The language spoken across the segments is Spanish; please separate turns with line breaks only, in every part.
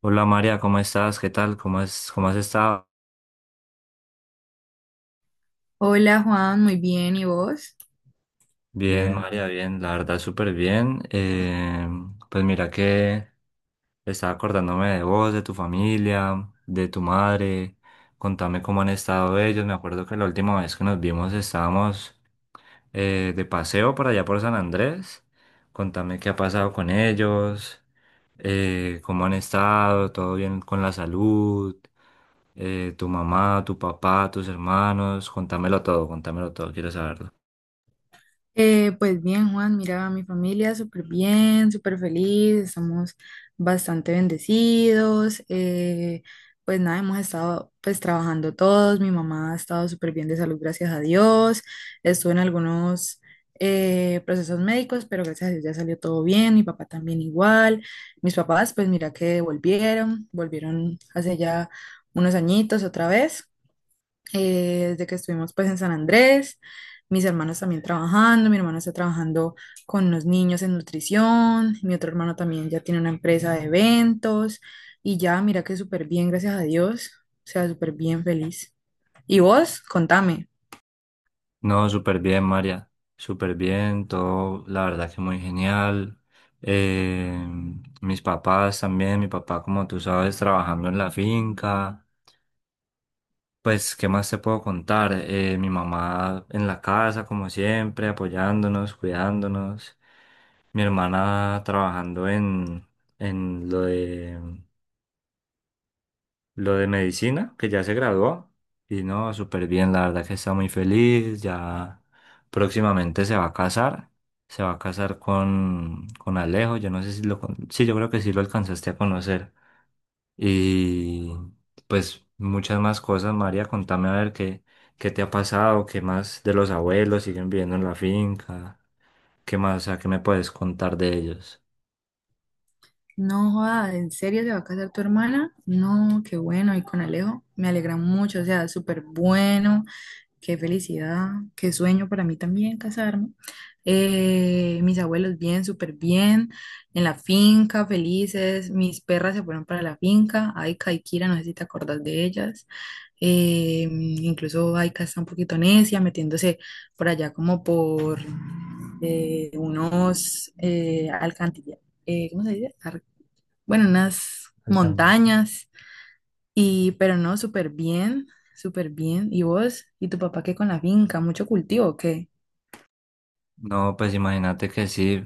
Hola María, ¿cómo estás? ¿Qué tal? ¿Cómo es, cómo has estado?
Hola Juan, muy bien, ¿y vos?
Bien,
Bien,
María, bien, la verdad súper bien. Pues mira que estaba acordándome de vos, de tu familia, de tu madre. Contame cómo han estado ellos. Me acuerdo que la última vez que nos vimos estábamos de paseo por allá por San Andrés. Contame qué ha pasado con ellos, cómo han estado, todo bien con la salud, tu mamá, tu papá, tus hermanos. Contámelo todo, quiero saberlo.
Pues bien Juan, mira, mi familia súper bien, súper feliz, estamos bastante bendecidos, pues nada, hemos estado pues trabajando todos, mi mamá ha estado súper bien de salud, gracias a Dios, estuvo en algunos procesos médicos, pero gracias a Dios ya salió todo bien, mi papá también igual, mis papás pues mira que volvieron hace ya unos añitos otra vez. Desde que estuvimos pues en San Andrés, mis hermanos también trabajando, mi hermano está trabajando con los niños en nutrición, mi otro hermano también ya tiene una empresa de eventos y ya, mira que súper bien, gracias a Dios, o sea, súper bien feliz. ¿Y vos? Contame.
No, súper bien, María. Súper bien, todo, la verdad que muy genial. Eh, Mis papás también, mi papá, como tú sabes, trabajando en la finca. Pues, ¿qué más te puedo contar? Mi mamá en la casa, como siempre, apoyándonos, cuidándonos. Mi hermana trabajando en lo lo de medicina, que ya se graduó. Y no, súper bien, la verdad que está muy feliz. Ya próximamente se va a casar. Se va a casar con Alejo. Yo no sé si lo... Sí, yo creo que sí lo alcanzaste a conocer. Y pues muchas más cosas, María, contame a ver qué te ha pasado, qué más de los abuelos siguen viviendo en la finca, qué más, o sea, qué me puedes contar de ellos.
No, joda, ¿en serio se va a casar tu hermana? No, qué bueno, y con Alejo, me alegra mucho, o sea, súper bueno. Qué felicidad, qué sueño para mí también casarme. Mis abuelos bien, súper bien, en la finca, felices. Mis perras se fueron para la finca. Aika y Kira, no sé si te acordás de ellas. Incluso Aika está un poquito necia, metiéndose por allá como por unos alcantilla- ¿cómo se dice? Ar- bueno, unas Alcan- montañas. Y, pero no, súper bien, súper bien. ¿Y vos? ¿Y tu papá qué con la finca? ¿Mucho cultivo o qué?
No, pues imagínate que sí.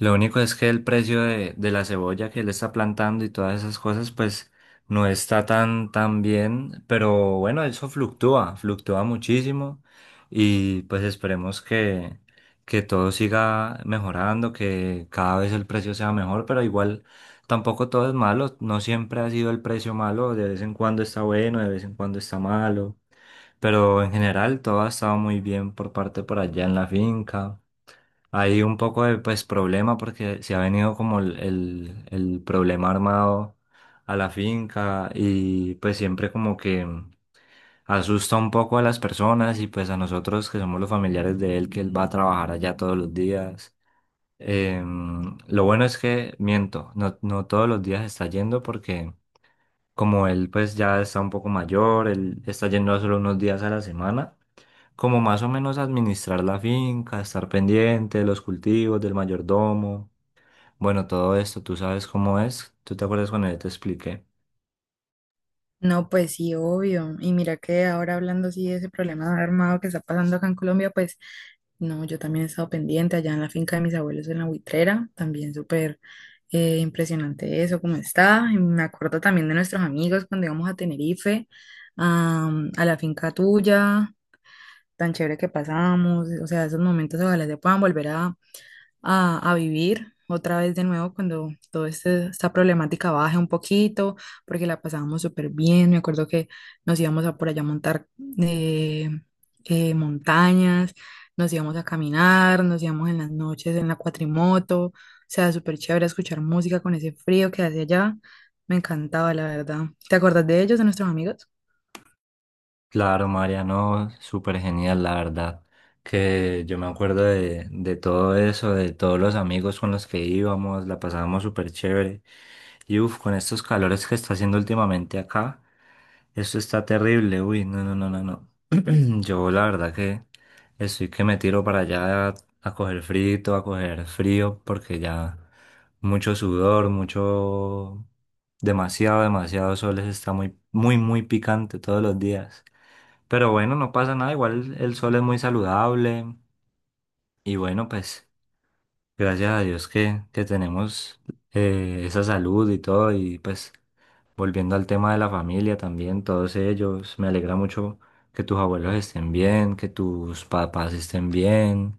Lo único es que el precio de la cebolla que él está plantando y todas esas cosas, pues no está tan bien. Pero bueno, eso fluctúa, fluctúa muchísimo. Y pues esperemos que todo siga mejorando, que cada vez el precio sea mejor. Pero igual tampoco todo es malo. No siempre ha sido el precio malo. De vez en cuando está bueno, de vez en cuando está malo. Pero en general todo ha estado muy bien por parte por allá en la finca. Hay un poco de pues problema porque se ha venido como el problema armado a la finca y pues siempre como que asusta un poco a las personas y pues a nosotros que somos los familiares de él, que él va a trabajar allá todos los días. Lo bueno es que, miento, no todos los días está yendo porque como él pues ya está un poco mayor, él está yendo solo unos días a la semana como más o menos administrar la finca, estar pendiente de los cultivos, del mayordomo. Bueno, todo esto, tú sabes cómo es. ¿Tú te acuerdas cuando yo te expliqué?
No, pues sí, obvio. Y mira que ahora hablando así de ese problema armado que está pasando acá en Colombia, pues no, yo también he estado pendiente allá en la finca de mis abuelos en la Buitrera, también súper impresionante eso, cómo está. Y me acuerdo también de nuestros amigos cuando íbamos a Tenerife, am, a la finca tuya, tan chévere que pasamos, o sea, esos momentos ojalá se puedan volver a a vivir otra vez de nuevo cuando toda esta problemática baje un poquito, porque la pasábamos súper bien. Me acuerdo que nos íbamos a por allá a montar eh, montañas, nos íbamos a caminar, nos íbamos en las noches en la cuatrimoto. O sea, súper chévere escuchar música con ese frío que hace allá. Me encantaba, la verdad. ¿Te acuerdas de ellos, de nuestros amigos?
Claro, Mariano, súper genial, la verdad. Que yo me acuerdo de todo eso, de todos los amigos con los que íbamos, la pasábamos súper chévere. Y uff, con estos calores que está haciendo últimamente acá, esto está terrible. Uy, no, no, no, no, no. Yo la verdad que estoy que me tiro para allá a coger frito, a coger frío, porque ya mucho sudor, mucho, demasiado, demasiado sol, eso está muy, muy, muy picante todos los días. Pero bueno, no pasa nada, igual el sol es muy saludable y bueno, pues gracias a Dios que tenemos esa salud y todo y pues volviendo al tema de la familia también, todos ellos, me alegra mucho que tus abuelos estén bien, que tus papás estén bien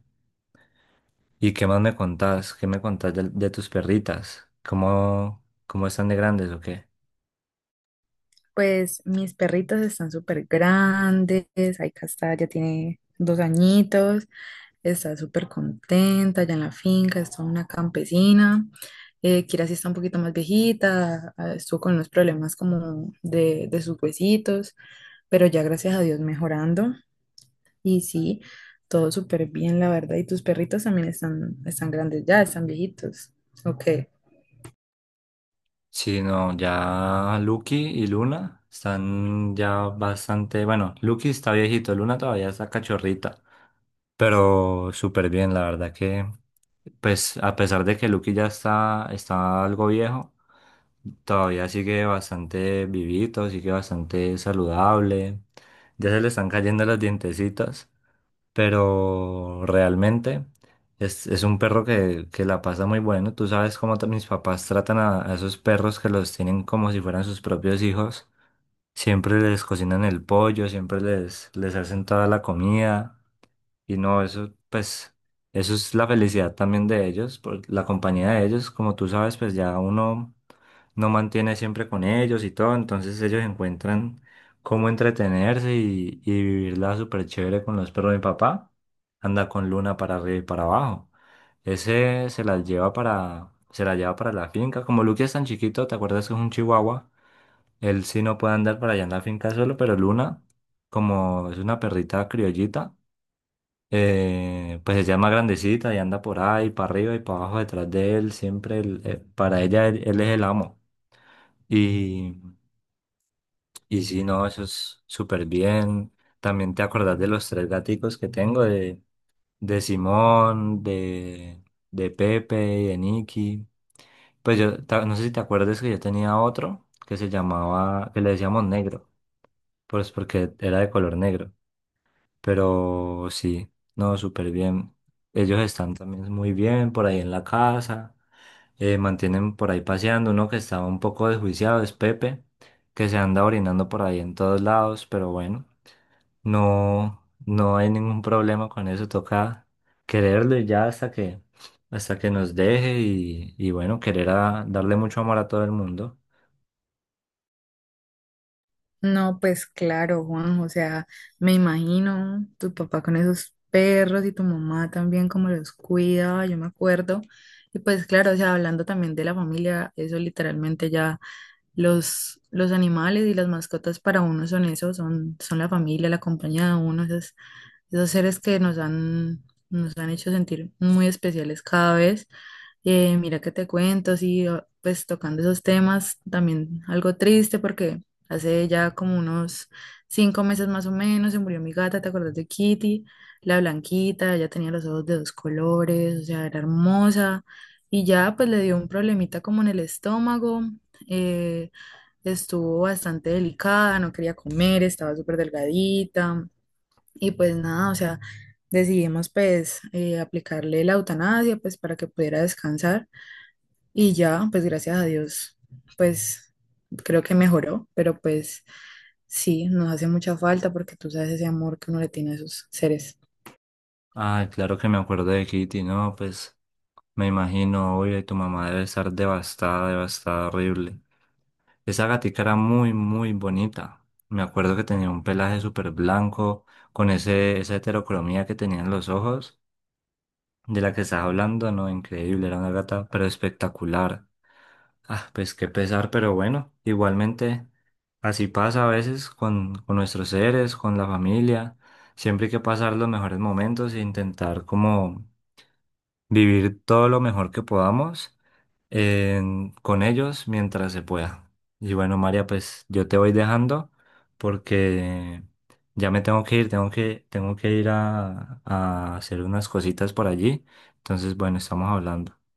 y qué más me contás, qué me contás de tus perritas, cómo están de grandes o qué.
Pues mis perritos están súper grandes. Ahí Castalla tiene 2 añitos. Está súper contenta allá en la finca, está una campesina. Kira sí está un poquito más viejita, ah, estuvo con unos problemas como de sus huesitos, pero ya gracias a Dios mejorando. Y sí, todo súper bien, la verdad. Y tus perritos también están, están grandes ya, están viejitos. Ok.
Sí, no, ya Lucky y Luna están ya bastante, bueno, Lucky está viejito, Luna todavía está cachorrita, pero súper bien, la verdad que, pues a pesar de que Lucky ya está, está algo viejo, todavía sigue bastante vivito, sigue bastante saludable, ya se le están cayendo los dientecitos, pero realmente es un perro que la pasa muy bueno. Tú sabes cómo mis papás tratan a esos perros que los tienen como si fueran sus propios hijos. Siempre les cocinan el pollo, siempre les hacen toda la comida. Y no, eso, pues, eso es la felicidad también de ellos, por la compañía de ellos, como tú sabes, pues ya uno no mantiene siempre con ellos y todo, entonces ellos encuentran cómo entretenerse y vivirla súper chévere con los perros. De mi papá anda con Luna para arriba y para abajo. Ese se la lleva se la lleva para la finca. Como Lucky es tan chiquito, ¿te acuerdas que es un chihuahua? Él sí no puede andar para allá en la finca solo, pero Luna, como es una perrita criollita, pues se llama grandecita y anda por ahí, para arriba y para abajo, detrás de él, siempre para ella él, él es el amo. Y, y sí, no, eso es súper bien. También te acordás de los tres gaticos que tengo, de Simón, de Pepe y de Nicky. Pues yo, no sé si te acuerdas que yo tenía otro que se llamaba, que le decíamos negro, pues porque era de color negro. Pero sí, no, súper bien. Ellos están también muy bien por ahí en la casa, mantienen por ahí paseando. Uno que estaba un poco desjuiciado es Pepe, que se anda orinando por ahí en todos lados, pero bueno, no, no hay ningún problema con eso. Toca quererlo y ya hasta hasta que nos deje y bueno, querer darle mucho amor a todo el mundo.
No, pues claro, Juan, o sea, me imagino tu papá con esos perros y tu mamá también como los cuidaba, yo me acuerdo. Y pues claro, o sea, hablando también de la familia, eso literalmente ya los animales y las mascotas para uno son eso, son la familia, la compañía de uno, esas esos seres que nos han hecho sentir muy especiales cada vez. Mira que te cuento, sí, ah, pues tocando esos temas, también algo triste porque hace ya como unos 5 meses más o menos se murió mi gata, ¿te acuerdas de Kitty? La blanquita, ella tenía los ojos de dos colores, o sea, era hermosa y ya pues le dio un problemita como en el estómago. eh, Estuvo bastante delicada, no quería comer, estaba súper delgadita. Y pues nada, o sea, decidimos pues aplicarle la eutanasia pues para que pudiera descansar y ya, pues gracias a Dios, pues creo que mejoró, pero pues sí, nos hace mucha falta porque tú sabes ese amor que uno le tiene a esos seres.
Ay, claro que me acuerdo de Kitty, no, pues. Me imagino, obvio, y tu mamá debe estar devastada, devastada, horrible. Esa gatica era muy, muy bonita. Me acuerdo que tenía un pelaje súper blanco, con esa heterocromía que tenían los ojos, de la que estás hablando, no, increíble, era una gata, pero espectacular. Ah, pues qué pesar, pero bueno, igualmente, así pasa a veces con nuestros seres, con la familia. Siempre hay que pasar los mejores momentos e intentar como vivir todo lo mejor que podamos con ellos mientras se pueda. Y bueno, María, pues yo te voy dejando porque ya me tengo que ir a hacer unas cositas por allí. Entonces, bueno, estamos hablando.